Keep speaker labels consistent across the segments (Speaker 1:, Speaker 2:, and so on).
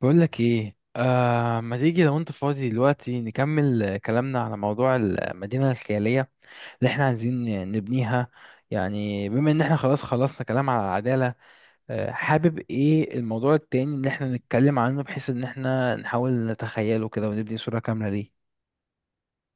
Speaker 1: بقول لك ايه، ما تيجي لو انت فاضي دلوقتي؟ نكمل كلامنا على موضوع المدينة الخيالية اللي احنا عايزين نبنيها. يعني بما ان احنا خلاص خلصنا كلام على العدالة، حابب ايه الموضوع التاني اللي احنا نتكلم عنه بحيث ان احنا نحاول نتخيله كده ونبني صورة كاملة ليه؟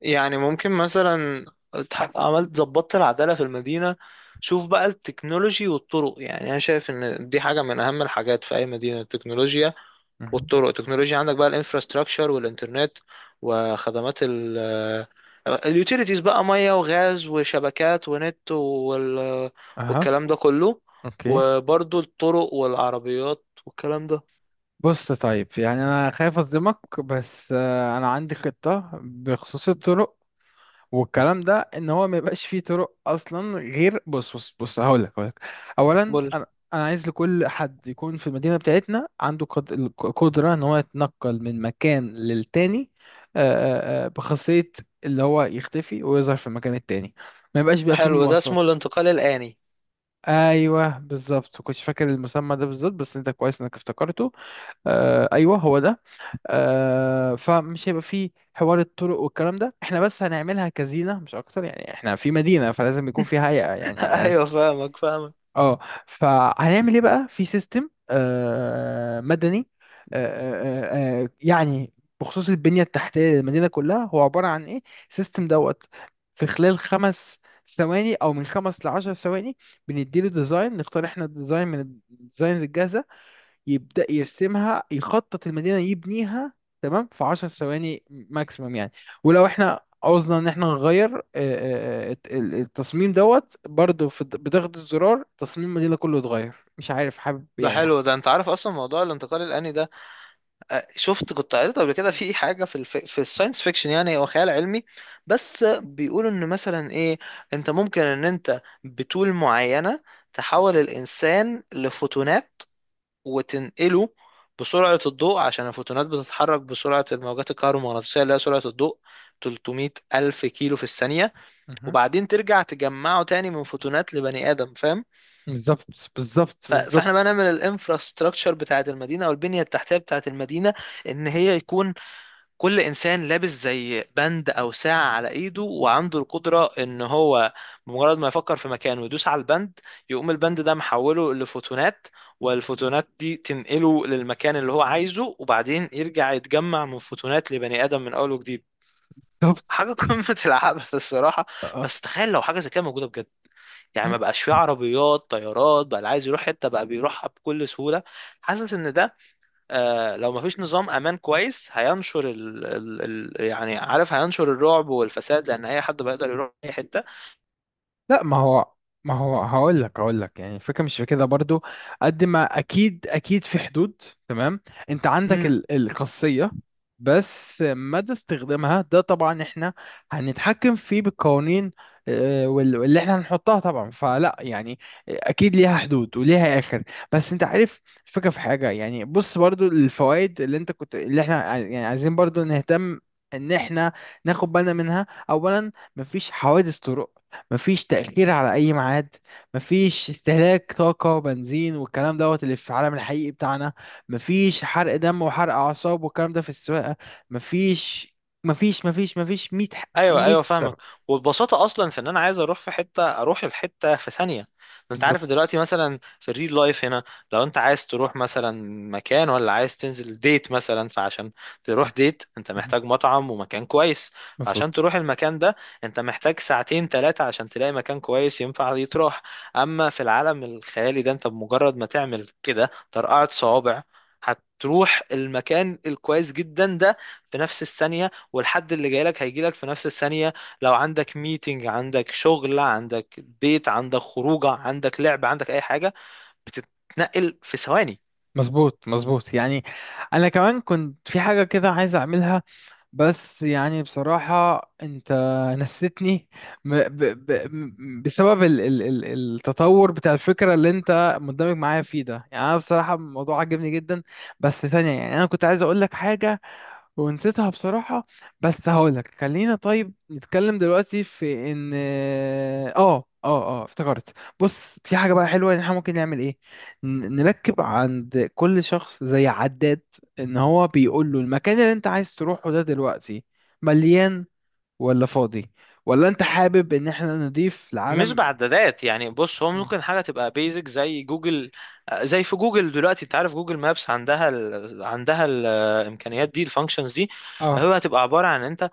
Speaker 2: يعني ممكن مثلا عملت ظبطت العدالة في المدينة. شوف بقى التكنولوجي والطرق، يعني انا شايف ان دي حاجة من اهم الحاجات في اي مدينة، التكنولوجيا.
Speaker 1: مهم.
Speaker 2: والطرق، التكنولوجيا عندك بقى الانفراستراكشر والانترنت، وخدمات اليوتيليتيز بقى، مية وغاز وشبكات ونت
Speaker 1: اها.
Speaker 2: والكلام ده كله.
Speaker 1: اوكي.
Speaker 2: وبرضو الطرق والعربيات والكلام ده.
Speaker 1: بص، طيب، يعني انا خايف اصدمك بس انا عندي خطة بخصوص الطرق والكلام ده، ان هو ما يبقاش فيه طرق اصلا، غير بص بص بص، هقول لك. اولا
Speaker 2: قولي.
Speaker 1: انا انا عايز لكل حد يكون في المدينه بتاعتنا عنده القدره ان هو يتنقل من مكان للتاني، بخاصيه اللي هو يختفي ويظهر في المكان التاني، ما يبقاش بقى فيه
Speaker 2: حلو، ده اسمه
Speaker 1: مواصلات.
Speaker 2: الانتقال الآني.
Speaker 1: ايوه بالظبط، كنتش فاكر المسمى ده بالظبط بس انت كويس انك افتكرته. ايوه هو ده. فمش هيبقى فيه حوار الطرق والكلام ده، احنا بس هنعملها كزينة مش اكتر، يعني احنا في مدينة فلازم يكون فيها هيئة يعني على الاقل.
Speaker 2: ايوه، فاهمك فاهمك.
Speaker 1: اه، فهنعمل ايه بقى في سيستم مدني؟ آه آه يعني بخصوص البنية التحتية للمدينة كلها هو عبارة عن ايه؟ سيستم دوت، في خلال 5 ثواني او من 5 لـ10 ثواني بنديله ديزاين، نختار احنا الديزاين من الديزاينز الجاهزة، يبدأ يرسمها يخطط المدينة يبنيها، تمام، في 10 ثواني ماكسيمم يعني. ولو احنا عوزنا ان احنا نغير التصميم دوت، برضو في بضغط الزرار تصميم المدينة كله اتغير، مش عارف حابب
Speaker 2: ده
Speaker 1: يعني.
Speaker 2: حلو، ده انت عارف اصلا موضوع الانتقال الآني ده. شفت، كنت قريت قبل كده في حاجة في الساينس فيكشن، يعني هو خيال علمي. بس بيقولوا ان مثلا ايه، انت ممكن ان انت بطول معينة تحول الانسان لفوتونات، وتنقله بسرعة الضوء، عشان الفوتونات بتتحرك بسرعة الموجات الكهرومغناطيسية اللي هي سرعة الضوء، 300 ألف كيلو في الثانية.
Speaker 1: مهم.
Speaker 2: وبعدين ترجع تجمعه تاني من فوتونات لبني آدم، فاهم؟
Speaker 1: بالظبط، بالظبط، بالظبط،
Speaker 2: فاحنا بقى نعمل الانفراستراكشر بتاعت المدينه او البنيه التحتيه بتاعت المدينه، ان هي يكون كل انسان لابس زي بند او ساعه على ايده، وعنده القدره ان هو بمجرد ما يفكر في مكان ويدوس على البند، يقوم البند ده محوله لفوتونات، والفوتونات دي تنقله للمكان اللي هو عايزه، وبعدين يرجع يتجمع من فوتونات لبني ادم من اول وجديد.
Speaker 1: بالظبط.
Speaker 2: حاجه قمه العبث الصراحه.
Speaker 1: اه.
Speaker 2: بس تخيل لو حاجه زي كده موجوده بجد، يعني ما بقاش فيه عربيات طيارات بقى، اللي عايز يروح حته بقى بيروحها بكل سهوله. حاسس ان ده آه، لو ما فيش نظام امان كويس، هينشر ال ال ال يعني عارف، هينشر الرعب والفساد، لان اي حد بقى يقدر يروح اي حته.
Speaker 1: لا، ما هو هقول لك، يعني الفكره مش في كده برضو، قد ما اكيد اكيد في حدود، تمام. انت عندك
Speaker 2: امم.
Speaker 1: الخاصيه، بس مدى استخدامها ده طبعا احنا هنتحكم فيه بالقوانين، واللي احنا هنحطها طبعا، فلا يعني اكيد ليها حدود وليها اخر. بس انت عارف الفكره في حاجه، يعني بص برضو الفوائد اللي انت كنت، اللي احنا يعني عايزين برضو نهتم ان احنا ناخد بالنا منها. اولا مفيش حوادث طرق، مفيش تأخير على أي ميعاد، مفيش استهلاك طاقة وبنزين والكلام دوت اللي في العالم الحقيقي بتاعنا، مفيش حرق دم وحرق أعصاب والكلام ده في السواقة، مفيش مفيش مية ح-
Speaker 2: ايوه
Speaker 1: مية
Speaker 2: ايوه، فاهمك.
Speaker 1: سبب.
Speaker 2: والبساطه اصلا في ان انا عايز اروح في حته اروح الحته في ثانيه. ده انت عارف
Speaker 1: بالظبط،
Speaker 2: دلوقتي مثلا في الريل لايف هنا، لو انت عايز تروح مثلا مكان، ولا عايز تنزل ديت مثلا، فعشان تروح ديت انت محتاج مطعم ومكان كويس. فعشان
Speaker 1: مظبوط
Speaker 2: تروح المكان ده انت محتاج ساعتين ثلاثه عشان تلاقي مكان كويس ينفع يتروح. اما في العالم الخيالي ده، انت بمجرد ما تعمل كده ترقعة صوابع، هتروح المكان الكويس جدا ده في نفس الثانية. والحد اللي جاي لك هيجي لك في نفس الثانية. لو عندك ميتنج، عندك شغل، عندك بيت، عندك خروجة، عندك لعب، عندك أي حاجة، بتتنقل في ثواني.
Speaker 1: مظبوط مظبوط، يعني أنا كمان كنت في حاجة كده عايز أعملها بس يعني بصراحة انت نسيتني. بسبب ال التطور بتاع الفكرة اللي انت مندمج معايا فيه ده، يعني انا بصراحة الموضوع عجبني جدا بس ثانية، يعني انا كنت عايز اقول لك حاجة ونسيتها بصراحة. بس هقولك خلينا طيب نتكلم دلوقتي في ان اه افتكرت. بص، في حاجة بقى حلوة ان احنا ممكن نعمل ايه، نركب عند كل شخص زي عداد، ان هو بيقول له المكان اللي انت عايز تروحه ده دلوقتي مليان ولا فاضي، ولا انت حابب ان احنا نضيف
Speaker 2: مش
Speaker 1: العالم.
Speaker 2: بعدادات، يعني بص، هو
Speaker 1: مم.
Speaker 2: ممكن حاجة تبقى بيزك زي جوجل. زي في جوجل دلوقتي، انت عارف جوجل مابس عندها عندها الامكانيات دي، الفانكشنز دي.
Speaker 1: اه
Speaker 2: هو هتبقى عبارة عن انت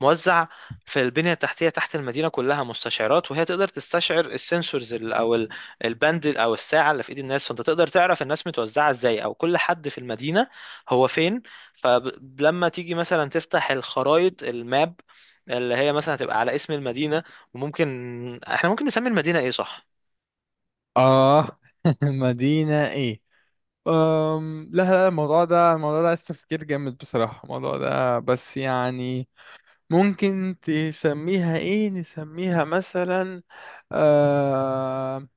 Speaker 2: موزع في البنية التحتية تحت المدينة كلها مستشعرات، وهي تقدر تستشعر السنسورز، الباند او الساعة اللي في ايد الناس، فانت تقدر تعرف الناس متوزعة ازاي، او كل حد في المدينة هو فين. فلما تيجي مثلا تفتح الخرائط، الماب اللي هي مثلا هتبقى على اسم المدينة. وممكن احنا ممكن نسمي المدينة ايه، صح؟
Speaker 1: اه. مدينة ايه؟ لا لا، الموضوع ده عايز تفكير جامد بصراحة الموضوع ده، بس يعني ممكن تسميها ايه؟ نسميها مثلا آه...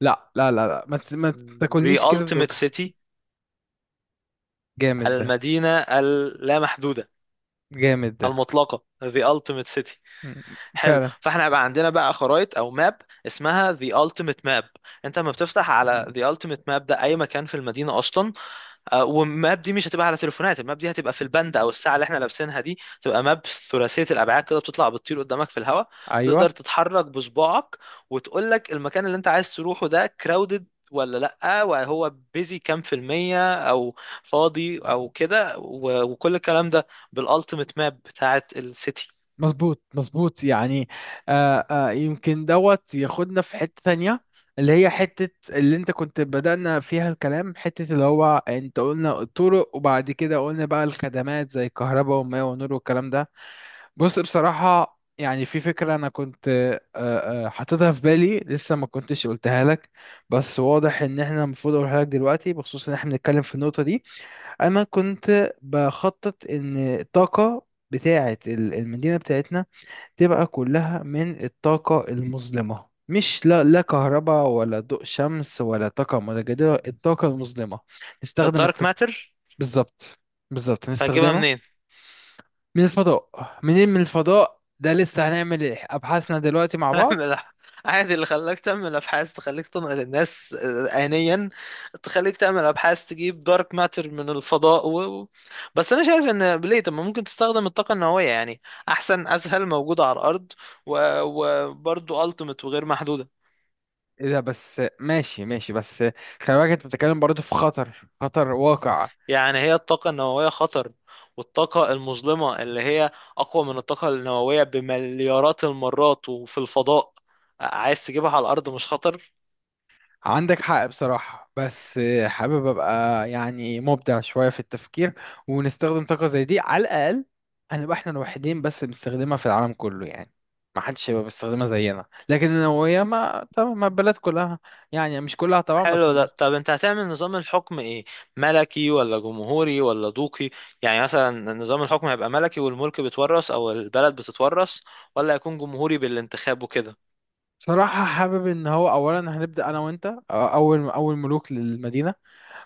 Speaker 1: لا لا لا لا، ما
Speaker 2: The
Speaker 1: تاكلنيش كده في
Speaker 2: Ultimate
Speaker 1: دوكا.
Speaker 2: City،
Speaker 1: جامد ده،
Speaker 2: المدينة اللامحدودة
Speaker 1: جامد ده.
Speaker 2: المطلقة، The Ultimate City.
Speaker 1: م-
Speaker 2: حلو،
Speaker 1: فعلا.
Speaker 2: فاحنا هيبقى عندنا بقى خرائط او ماب اسمها The Ultimate Map. انت لما بتفتح على The Ultimate Map ده، اي مكان في المدينه اصلا. والماب دي مش هتبقى على تليفونات، الماب دي هتبقى في البند او الساعه اللي احنا لابسينها دي، تبقى ماب ثلاثيه الابعاد كده، بتطلع بتطير قدامك في الهواء. تقدر
Speaker 1: ايوه،
Speaker 2: تتحرك بصباعك، وتقول لك المكان اللي انت عايز تروحه ده crowded ولا لأ، وهو بيزي كام في المية، أو فاضي أو كده، وكل الكلام ده بالألتيميت ماب بتاعت السيتي.
Speaker 1: مظبوط مظبوط، يعني يمكن دوت ياخدنا في حتة تانية، اللي هي حتة اللي انت كنت بدأنا فيها الكلام، حتة اللي هو انت قلنا الطرق، وبعد كده قلنا بقى الخدمات زي الكهرباء والماء والنور والكلام ده. بص، بصراحة يعني في فكرة أنا كنت حاططها في بالي لسه ما كنتش قلتها لك، بس واضح إن إحنا المفروض أقولها لك دلوقتي بخصوص إن إحنا بنتكلم في النقطة دي. أنا كنت بخطط إن الطاقة بتاعة المدينة بتاعتنا تبقى كلها من الطاقة المظلمة، مش لا لا كهرباء ولا ضوء شمس ولا طاقة متجددة، الطاقة المظلمة نستخدم
Speaker 2: الدارك
Speaker 1: الط...
Speaker 2: ماتر.
Speaker 1: بالظبط، بالظبط
Speaker 2: هتجيبها
Speaker 1: نستخدمها.
Speaker 2: منين؟
Speaker 1: من الفضاء. منين من الفضاء ده؟ لسه هنعمل إيه؟ أبحاثنا دلوقتي مع بعض.
Speaker 2: اعمل. عادي، اللي خلاك تعمل ابحاث تخليك تنقل الناس آنيا، تخليك تعمل ابحاث تجيب دارك ماتر من الفضاء بس انا شايف ان ليه، طب ما ممكن تستخدم الطاقة النووية يعني، احسن، اسهل، موجودة على الارض وبرضه التيمت وغير محدودة.
Speaker 1: إيه ده بس؟ ماشي ماشي، بس خلي بالك أنت بتتكلم برضه في خطر، خطر واقع.
Speaker 2: يعني هي الطاقة النووية خطر، والطاقة المظلمة اللي هي اقوى من الطاقة النووية بمليارات المرات وفي الفضاء، عايز تجيبها على الارض مش خطر؟
Speaker 1: عندك حق بصراحة، بس حابب أبقى يعني مبدع شوية في التفكير، ونستخدم طاقة زي دي، على الأقل هنبقى إحنا الوحيدين بس بنستخدمها في العالم كله يعني، ما حدش هيبقى بيستخدمها زينا، لكن النووية ما طبعا ما البلد كلها، يعني مش كلها طبعا بس
Speaker 2: حلو ده. طب انت هتعمل نظام الحكم ايه، ملكي ولا جمهوري ولا دوقي؟ يعني مثلا نظام الحكم هيبقى ملكي والملك بيتورث او البلد بتتورث، ولا هيكون جمهوري بالانتخاب وكده؟
Speaker 1: بصراحة حابب إن هو أولا هنبدأ أنا وأنت أول أول ملوك للمدينة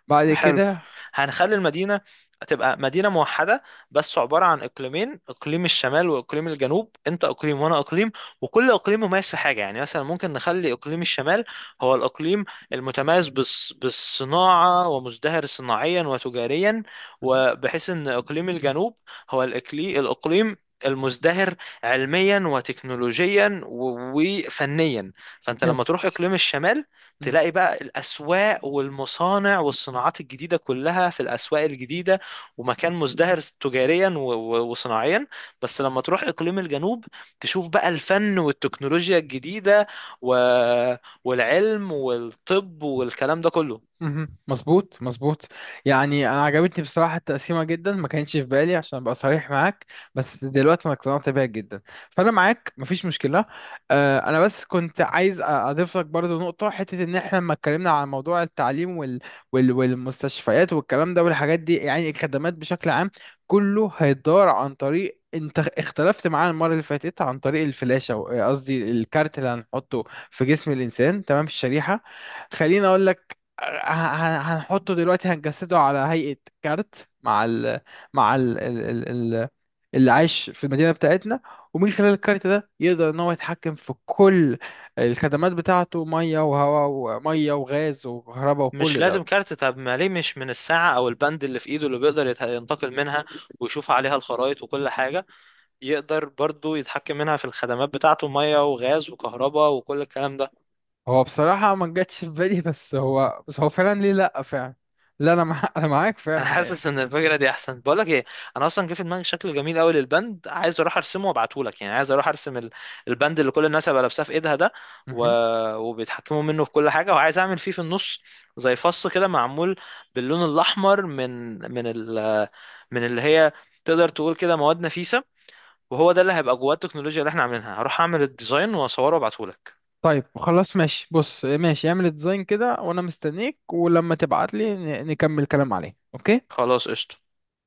Speaker 1: بعد
Speaker 2: حلو،
Speaker 1: كده.
Speaker 2: هنخلي المدينة تبقى مدينة موحدة بس عبارة عن إقليمين، إقليم الشمال وإقليم الجنوب، أنت إقليم وأنا إقليم. وكل إقليم مميز في حاجة، يعني مثلا ممكن نخلي إقليم الشمال هو الإقليم المتميز بالصناعة، ومزدهر صناعيا وتجاريا.
Speaker 1: مهم.
Speaker 2: وبحيث أن إقليم الجنوب هو الإقليم المزدهر علميا وتكنولوجيا و- وفنيا. فانت لما تروح اقليم الشمال،
Speaker 1: جامد.
Speaker 2: تلاقي بقى الأسواق والمصانع والصناعات الجديدة كلها في الأسواق الجديدة، ومكان مزدهر تجاريا وصناعيا. بس لما تروح إقليم الجنوب، تشوف بقى الفن والتكنولوجيا الجديدة و... والعلم والطب والكلام ده كله.
Speaker 1: مهم. مظبوط مظبوط، يعني انا عجبتني بصراحه التقسيمه جدا، ما كانتش في بالي عشان ابقى صريح معاك، بس دلوقتي انا اقتنعت بيها جدا، فانا معاك مفيش مشكله. انا بس كنت عايز اضيف لك برضو نقطه، حته ان احنا لما اتكلمنا عن موضوع التعليم والمستشفيات والكلام ده والحاجات دي، يعني الخدمات بشكل عام كله هيدار عن طريق، انت اختلفت معانا المره اللي فاتت، عن طريق الفلاشه قصدي الكارت اللي هنحطه في جسم الانسان، تمام، الشريحه، خليني اقول هنحطه دلوقتي. هنجسده على هيئة كارت مع ال مع ال ال ال ال اللي عايش في المدينة بتاعتنا، ومن خلال الكارت ده يقدر ان هو يتحكم في كل الخدمات بتاعته، مية وهواء ومية وغاز وكهرباء
Speaker 2: مش
Speaker 1: وكل ده.
Speaker 2: لازم كارت، طب ما ليه مش من الساعة أو البند اللي في إيده، اللي بيقدر ينتقل منها ويشوف عليها الخرائط وكل حاجة، يقدر برضو يتحكم منها في الخدمات بتاعته، مية وغاز وكهرباء وكل الكلام ده.
Speaker 1: هو بصراحة ما جاتش في بالي، بس هو فعلا ليه لأ، فعلا لا، انا مع... انا معاك
Speaker 2: انا
Speaker 1: فعلا إيه.
Speaker 2: حاسس ان الفكره دي احسن. بقول لك ايه، انا اصلا جه في دماغي شكل جميل قوي للبند، عايز اروح ارسمه وابعته لك. يعني عايز اروح ارسم البند اللي كل الناس هيبقى لابساه في ايدها ده و...
Speaker 1: مهم.
Speaker 2: وبيتحكموا منه في كل حاجه. وعايز اعمل فيه في النص زي فص كده، معمول باللون الاحمر، من اللي هي تقدر تقول كده مواد نفيسه. وهو ده اللي هيبقى جواه التكنولوجيا اللي احنا عاملينها. هروح اعمل الديزاين واصوره وابعته لك.
Speaker 1: طيب خلاص ماشي، بص ماشي اعمل ديزاين كده وانا مستنيك، ولما تبعت لي نكمل كلام عليه، اوكي.
Speaker 2: خلاص، قشطه.